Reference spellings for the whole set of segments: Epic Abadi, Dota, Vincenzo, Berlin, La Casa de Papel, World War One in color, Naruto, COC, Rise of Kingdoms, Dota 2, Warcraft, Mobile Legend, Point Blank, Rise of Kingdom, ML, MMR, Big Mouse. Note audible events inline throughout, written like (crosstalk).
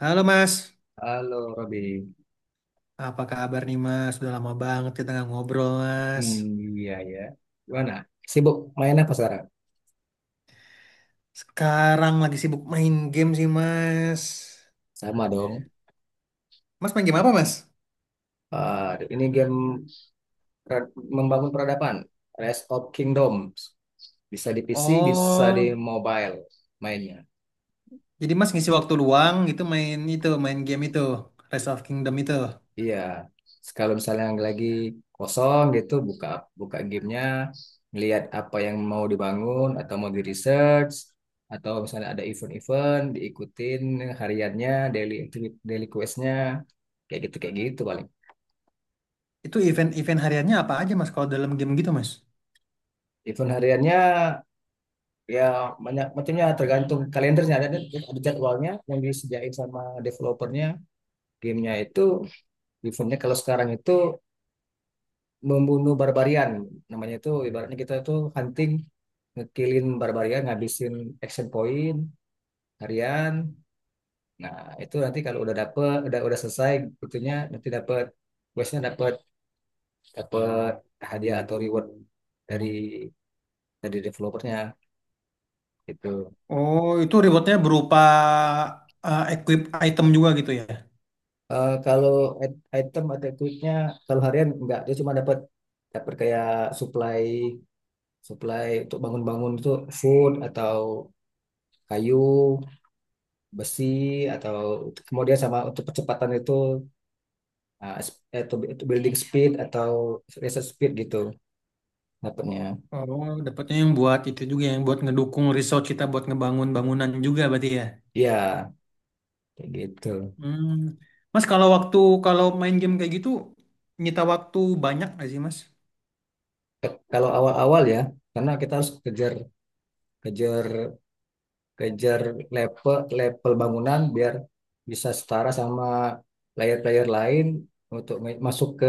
Halo Mas, Halo Robi. apa kabar nih Mas? Sudah lama banget kita nggak ngobrol Mas. Hmm, iya ya. Gimana? Sibuk main apa sekarang? Sekarang lagi sibuk main game sih Mas. Sama dong. Mas main game apa Mas? Ah, ini game pra- membangun peradaban. Rise of Kingdoms. Bisa di PC, bisa di Oh, mobile mainnya. jadi Mas ngisi waktu luang gitu main game itu, Rise of Kingdom itu. Iya. Kalau misalnya yang lagi kosong gitu, buka buka gamenya, ngelihat apa yang mau dibangun atau mau di research, atau misalnya ada event-event diikutin hariannya, daily activity, daily questnya, kayak gitu paling. Itu event-event hariannya apa aja Mas kalau dalam game gitu Mas? Event hariannya, ya, banyak macamnya tergantung kalendernya, ada jadwalnya yang disediain sama developernya gamenya itu. Eventnya kalau sekarang itu membunuh barbarian namanya. Itu ibaratnya kita itu hunting, ngekillin barbarian, ngabisin action point harian. Nah, itu nanti kalau udah dapet, udah selesai itunya, nanti dapet questnya, dapet dapet hadiah atau reward dari dari developernya itu. Oh, itu rewardnya berupa equip item juga gitu ya? Kalau item atau tweetnya, kalau harian enggak, dia cuma dapat dapat kayak supply, supply untuk bangun-bangun itu, food atau kayu, besi, atau kemudian sama untuk percepatan itu, ah, s- itu building speed atau research speed gitu dapatnya. Oh, dapatnya yang buat itu juga yang buat ngedukung research kita buat ngebangun bangunan juga berarti ya? Ya, kayak gitu. Hmm. Mas kalau main game kayak gitu nyita waktu banyak nggak sih Mas? Kalau awal-awal ya, karena kita harus kejar kejar kejar level level bangunan biar bisa setara sama player-player lain untuk masuk ke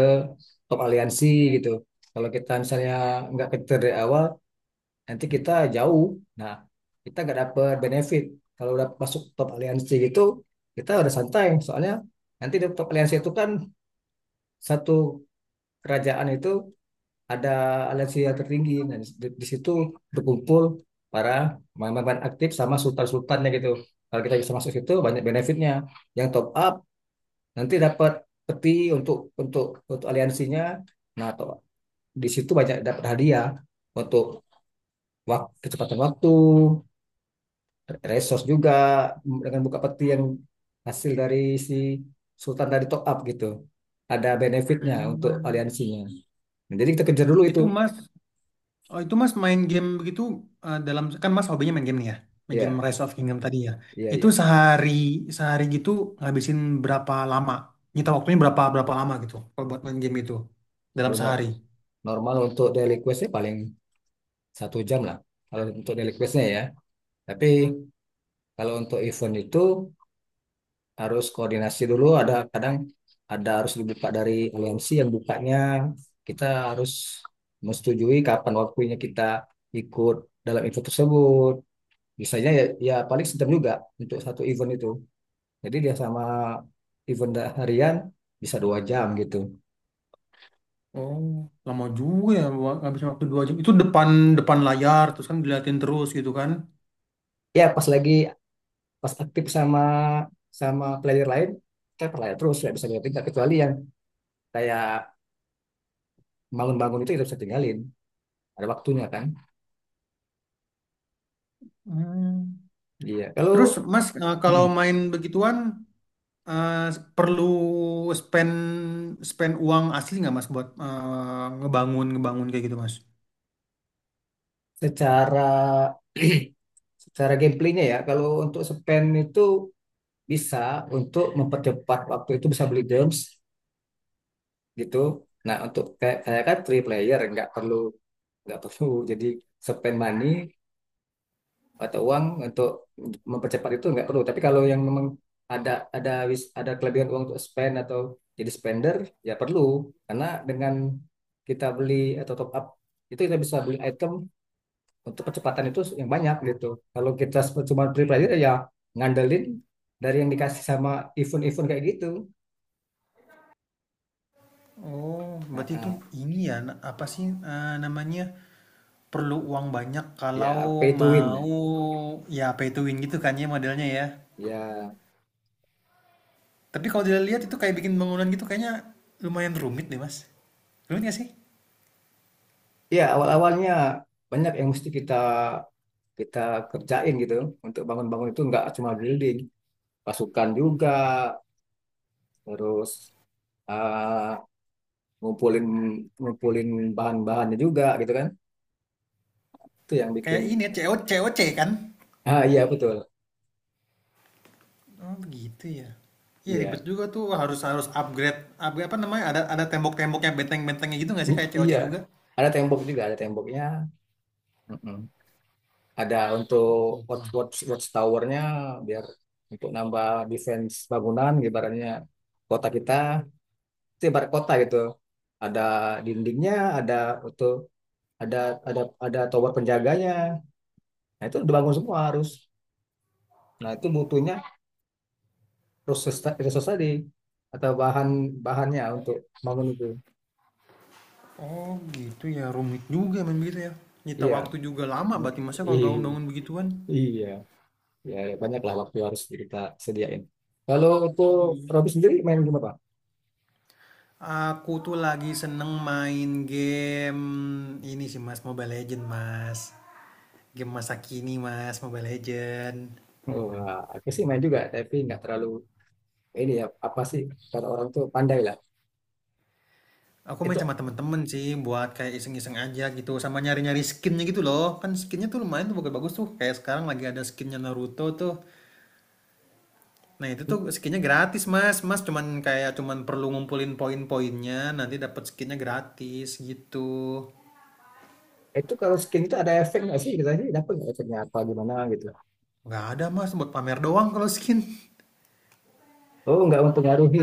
top aliansi gitu. Kalau kita misalnya nggak kejar dari awal, nanti kita jauh. Nah, kita nggak dapet benefit. Kalau udah masuk top aliansi gitu, kita udah santai. Soalnya nanti di top aliansi itu kan satu kerajaan itu ada aliansi yang tertinggi. Nah, di situ berkumpul para pemain aktif sama sultan-sultannya gitu. Kalau kita bisa masuk situ banyak benefitnya. Yang top up nanti dapat peti untuk untuk untuk aliansinya. Nah, di situ banyak dapat hadiah untuk waktu, kecepatan waktu, resource juga dengan buka peti yang hasil dari si sultan dari top up gitu. Ada benefitnya untuk Hmm. aliansinya. Nah, jadi kita kejar dulu itu. Itu Mas oh, itu Mas main game begitu, dalam kan Mas hobinya main game nih ya. Main game Iya, Rise of Kingdom tadi ya. iya, Itu iya. sehari sehari gitu ngabisin berapa lama? Nyita waktunya berapa berapa lama gitu kalau buat main game itu dalam Kalau sehari. normal untuk daily questnya paling 1 jam lah, kalau untuk daily questnya, ya. Tapi kalau untuk event itu harus koordinasi dulu, ada kadang ada harus dibuka dari aliansi yang bukanya, kita harus menyetujui kapan waktunya kita ikut dalam event tersebut. Biasanya, ya, ya, paling 1 jam juga untuk satu event itu. Jadi dia sama event harian bisa 2 jam gitu. Oh, lama juga ya, ngabisin waktu 2 jam. Itu depan depan layar terus kan diliatin terus gitu kan. Ya, pas aktif sama sama player lain, saya percaya terus nggak bisa ditinggal, kecuali yang kayak bangun-bangun itu kita bisa tinggalin, ada waktunya kan. Hmm. Iya kalau, Terus Mas, kalau mm, main begituan eh, perlu spend spend uang asli nggak Mas buat ngebangun ngebangun kayak gitu Mas? secara (clears throat) secara gameplaynya, ya, kalau untuk spend itu bisa untuk mempercepat waktu, itu bisa beli gems gitu. Nah, untuk kayak saya kan three player nggak perlu, nggak perlu (laughs) jadi spend money atau uang untuk mempercepat itu nggak perlu. Tapi kalau yang memang ada ada kelebihan uang untuk spend atau jadi spender, ya perlu. Karena dengan kita beli atau top up itu, kita bisa beli item untuk percepatan itu yang banyak gitu. Kalau kita cuma beli pelajar ya ngandelin dari yang dikasih sama event-event kayak gitu. Oh, Nah, berarti itu ah. ini ya, apa sih, namanya, perlu uang banyak Ya, kalau pay to win. mau Ya, ya pay to win gitu kan ya modelnya ya. ya, Tapi kalau dilihat itu kayak bikin bangunan gitu kayaknya lumayan rumit deh Mas. Rumit nggak sih? ya, awal-awalnya banyak yang mesti kita kita kerjain gitu untuk bangun-bangun itu, nggak cuma building, pasukan juga, terus, eh, ngumpulin ngumpulin bahan-bahannya juga gitu kan. Itu yang bikin. Kayak ini ya, COC COC kan? Ah, iya betul. Oh begitu ya. Iya, ribet Iya. juga tuh. Wah, harus harus upgrade upgrade apa namanya, ada tembok-temboknya, benteng-bentengnya gitu nggak sih kayak COC Iya. juga? Ada tembok juga, ada temboknya. Mm-mm. Ada untuk Gitu, watch ya. watch watch towernya biar untuk nambah defense bangunan, ibaratnya kota kita, itu ibarat kota gitu. Ada dindingnya, ada untuk ada ada ada tower penjaganya. Nah, itu dibangun semua harus. Nah, itu butuhnya proses, resource tadi atau bahan bahannya untuk bangun itu. Oh gitu ya, rumit juga memang gitu ya. Nyita Iya. waktu juga lama Mm, berarti masa kalau i- bangun-bangun begituan. Iya. Ya, banyak lah waktu harus kita sediain. Kalau untuk Hmm. Robi sendiri main gimana, Pak? Aku tuh lagi seneng main game ini sih mas, Mobile Legend mas. Game masa kini mas, Mobile Legend. Wah, aku sih main juga, tapi nggak terlalu, ini ya apa sih, kalau orang tuh pandai lah. Aku main Itu sama temen-temen sih buat kayak iseng-iseng aja gitu, sama nyari-nyari skinnya gitu loh, kan skinnya tuh lumayan tuh, bagus-bagus tuh, kayak sekarang lagi ada skinnya Naruto tuh. Nah itu tuh skinnya gratis mas mas cuman perlu ngumpulin poin-poinnya nanti dapat skinnya gratis gitu. itu kalau skin itu ada efek nggak sih? Kita sih dapat nggak efeknya, apa gimana gitu? Nggak ada mas, buat pamer doang kalau skin. Oh, nggak mempengaruhi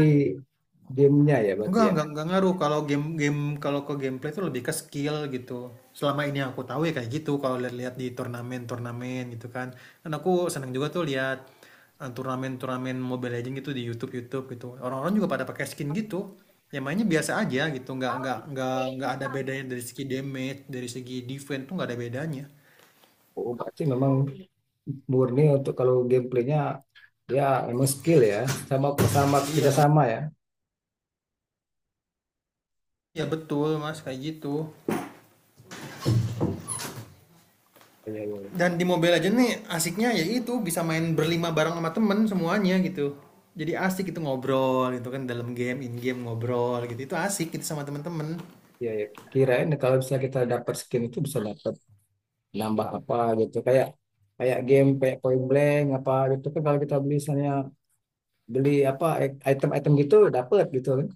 gamenya ya berarti Enggak ya. enggak enggak ngaruh kalau game, game kalau ke gameplay itu lebih ke skill gitu. Selama ini yang aku tahu ya kayak gitu, kalau lihat-lihat di turnamen-turnamen gitu kan. Dan aku seneng juga tuh lihat turnamen-turnamen Mobile Legends gitu di YouTube YouTube gitu. Orang-orang juga pada pakai skin gitu, yang mainnya biasa aja gitu. Enggak ada bedanya dari segi damage, dari segi defense tuh enggak ada bedanya. Oh, berarti memang murni, untuk kalau gameplaynya, ya, emang skill ya, sama sama Iya, Mon. kerjasama ya. Iya betul Mas kayak gitu. Iya, iya, Dan di Mobile Legends nih asiknya ya itu bisa main berlima bareng sama temen semuanya gitu, jadi asik itu ngobrol gitu kan dalam game, in game ngobrol gitu itu asik gitu sama temen-temen. iya. Ya, kirain kalau misalnya kita dapat skin itu bisa dapat nambah apa gitu, kayak kayak game kayak Point Blank apa gitu kan, kalau kita beli misalnya beli apa item-item gitu dapat gitu kan,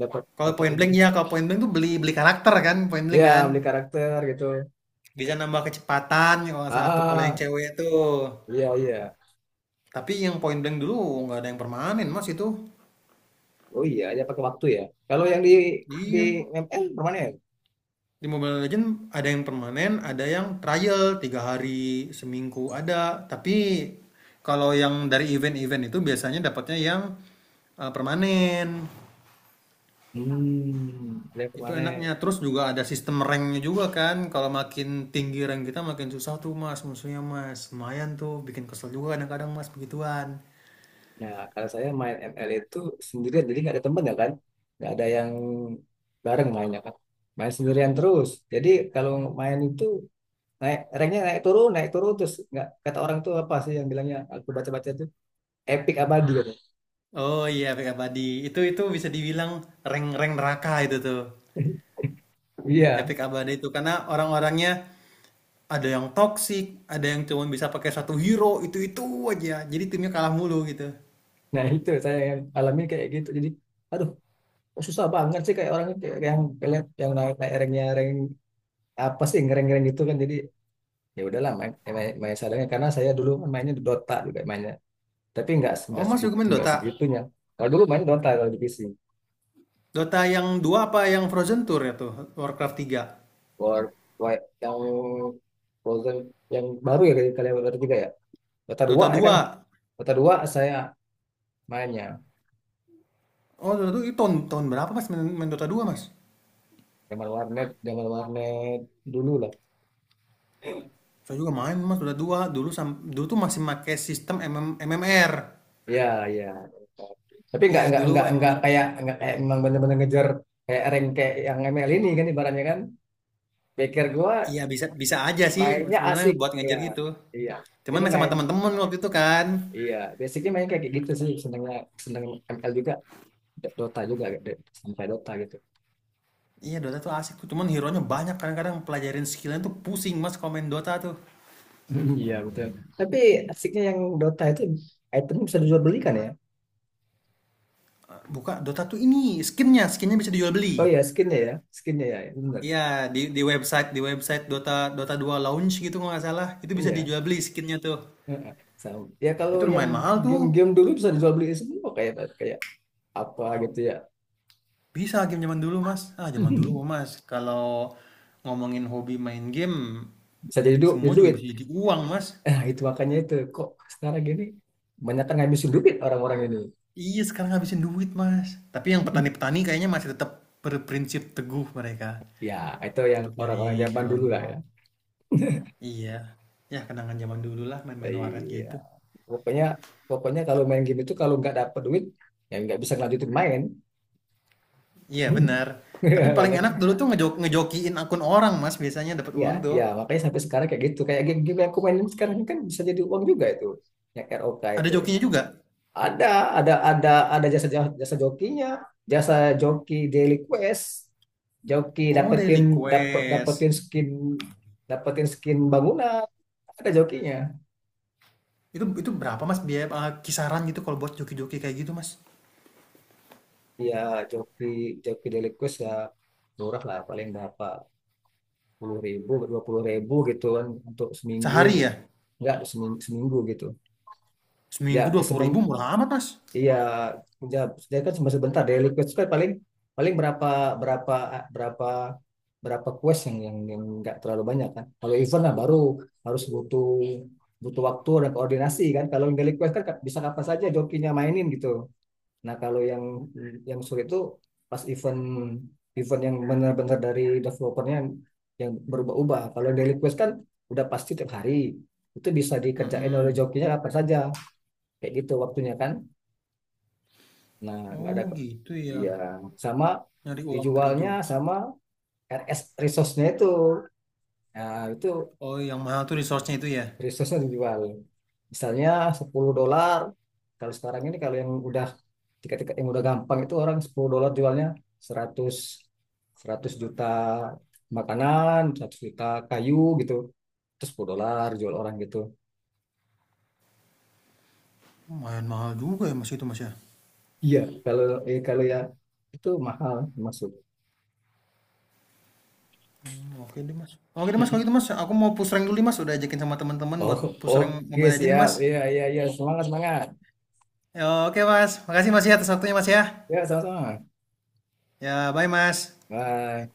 dapat kalau dapat point ini. blank ya kalau point blank tuh beli beli karakter kan, point Iya, blank kan beli karakter gitu. bisa nambah kecepatan ya kalau nggak Ah, salah tuh, kalau yang ah. cewek tuh. Iya, iya. Tapi yang point blank dulu nggak ada yang permanen mas itu. Oh iya, ya pakai waktu ya. Kalau yang di Iya. ML permanen. Di Mobile Legends ada yang permanen, ada yang trial 3 hari seminggu ada. Tapi kalau yang dari event-event itu biasanya dapatnya yang permanen. Hmm, ada yang Itu permanen. enaknya. Terus juga ada sistem ranknya juga kan. Kalau makin tinggi rank kita makin susah tuh mas musuhnya mas. Lumayan tuh bikin kesel juga kadang-kadang mas begituan. Nah, kalau saya main ML itu sendirian, jadi nggak ada temen ya kan? Nggak ada yang bareng mainnya kan? Main sendirian terus. Jadi kalau main itu naik ranknya naik turun terus, nggak, kata orang tuh apa sih yang bilangnya, aku baca-baca tuh, epic abadi katanya. Oh iya, Epic Abadi. Itu bisa dibilang rank-rank neraka itu tuh. Iya, Epic Abadi itu karena orang-orangnya ada yang toxic, ada yang cuma bisa pakai satu hero, itu-itu aja. Jadi timnya kalah mulu gitu. nah itu saya yang alami kayak gitu. Jadi, aduh, kok susah banget sih, kayak orang kayak yang kalian yang naik naik ranknya, rank apa sih ngereng-ngereng gitu kan. Jadi ya udahlah, main, main, main seadanya, karena saya dulu kan mainnya di Dota juga main, tapi nggak Oh, nggak Mas juga segitu, main nggak Dota? segitunya. Kalau dulu main Dota kalau di PC. Dota yang 2 apa yang Frozen Tour ya tuh? Warcraft 3, War, War yang Frozen yang baru ya, kalian baru juga ya. Dota dua Dota ya kan? dua. Dota dua saya mainnya Oh, Dota 2 itu tahun berapa Mas main Dota dua Mas? zaman warnet, zaman warnet dulu lah. Saya juga main Mas Dota dua dulu tuh masih pakai sistem MMR. Ya, ya, tapi Iya, dulu MMR. Nggak kayak memang bener-bener ngejar, kayak rank kayak yang ML ini kan, ibaratnya kan, pikir gua Iya, bisa bisa aja sih mainnya sebenarnya asik. buat Ya, ngejar gitu. iya, Cuman jadi main sama main, teman-teman waktu itu kan. iya basicnya main kayak gitu sih senengnya, seneng ML juga, Dota juga, sampai Dota gitu. Iya Dota tuh asik tuh, cuman hero-nya banyak kadang-kadang pelajarin skillnya tuh pusing mas kalau main Dota tuh. Iya betul. Tapi asiknya yang Dota itu itemnya bisa dijual belikan ya? Buka Dota tuh ini skinnya bisa dijual beli. Oh iya skinnya ya, ya, benar. Iya, di website Dota Dota dua launch gitu kalau nggak salah itu bisa Iya. dijual beli skinnya tuh. Sama. Ya kalau Itu yang lumayan mahal tuh. game-game dulu bisa dijual beli semua, kayak kayak apa gitu ya. Bisa, game zaman dulu mas. Ah zaman dulu (laughs) mas. Kalau ngomongin hobi main game, Bisa jadi duit, semua jadi juga duit. bisa jadi uang mas. Nah, itu makanya itu kok sekarang gini banyak kan ngabisin duit orang-orang ini. Iya sekarang habisin duit mas. Tapi yang petani-petani kayaknya masih tetap berprinsip teguh mereka Ya, itu yang untuk orang-orang nyari zaman cuan. dulu lah ya. Iya. Ya kenangan zaman dulu lah main-main warnet Iya. gitu. Pokoknya pokoknya kalau main game itu kalau nggak dapat duit ya nggak bisa ngelanjutin main. Iya benar. Tapi (laughs) paling Banyak enak kan? dulu tuh ngejokiin akun orang Mas, biasanya dapat Iya, uang tuh. iya. Makanya sampai sekarang kayak gitu. Kayak game-game yang aku mainin sekarang ini kan bisa jadi uang juga itu. Yang ROK Ada itu. jokinya juga? Ada, ada, ada, ada jasa jasa jokinya, jasa joki daily quest, joki Oh, dapetin daily dapet quest. dapetin skin dapetin skin bangunan. Ada jokinya. Itu berapa Mas biaya, kisaran gitu kalau buat joki-joki kayak gitu Mas? Iya, joki joki daily quest ya, murah lah, paling berapa puluh ribu, 20.000 gitu kan untuk seminggu Sehari gitu. ya? Enggak, seminggu, seminggu gitu. Seminggu Ya, eh, 20.000 semen murah amat Mas. Iya, ya, dia kan cuma sebentar, daily quest kan paling paling berapa berapa berapa berapa quest yang nggak terlalu banyak kan. Kalau event lah baru harus butuh butuh waktu dan koordinasi kan. Kalau yang daily quest kan, bisa kapan saja jokinya mainin gitu. Nah kalau yang sulit itu pas event event yang benar-benar dari developernya, yang berubah-ubah. Kalau yang daily quest kan udah pasti tiap hari itu bisa dikerjain oleh Mm-mm. jokinya kapan saja, kayak gitu waktunya kan. Nah, nggak ada. Oh gitu ya. Iya, sama Nyari uang dari dijualnya joki. sama RS resource-nya itu. Nah, itu Oh, yang mahal tuh resource-nya itu ya. resource-nya dijual. Misalnya 10 dolar. Kalau sekarang ini kalau yang udah tiket-tiket yang udah gampang itu, orang 10 dolar jualnya 100 100 juta makanan, 100 juta kayu gitu. Terus 10 dolar jual orang gitu. Lumayan mahal juga ya Mas, itu Mas ya. Iya, kalau kalau ya itu mahal masuk. Hmm, oke deh mas. Oke deh mas, kalau gitu mas, aku mau push rank dulu nih mas. Udah ajakin sama teman-teman Oh, buat push rank oke mobile aja nih siap. mas. Iya, iya, iya. Semangat, semangat. Ya, oke mas, makasih mas ya atas waktunya mas ya. Ya, sama-sama. Ya, bye mas. Bye.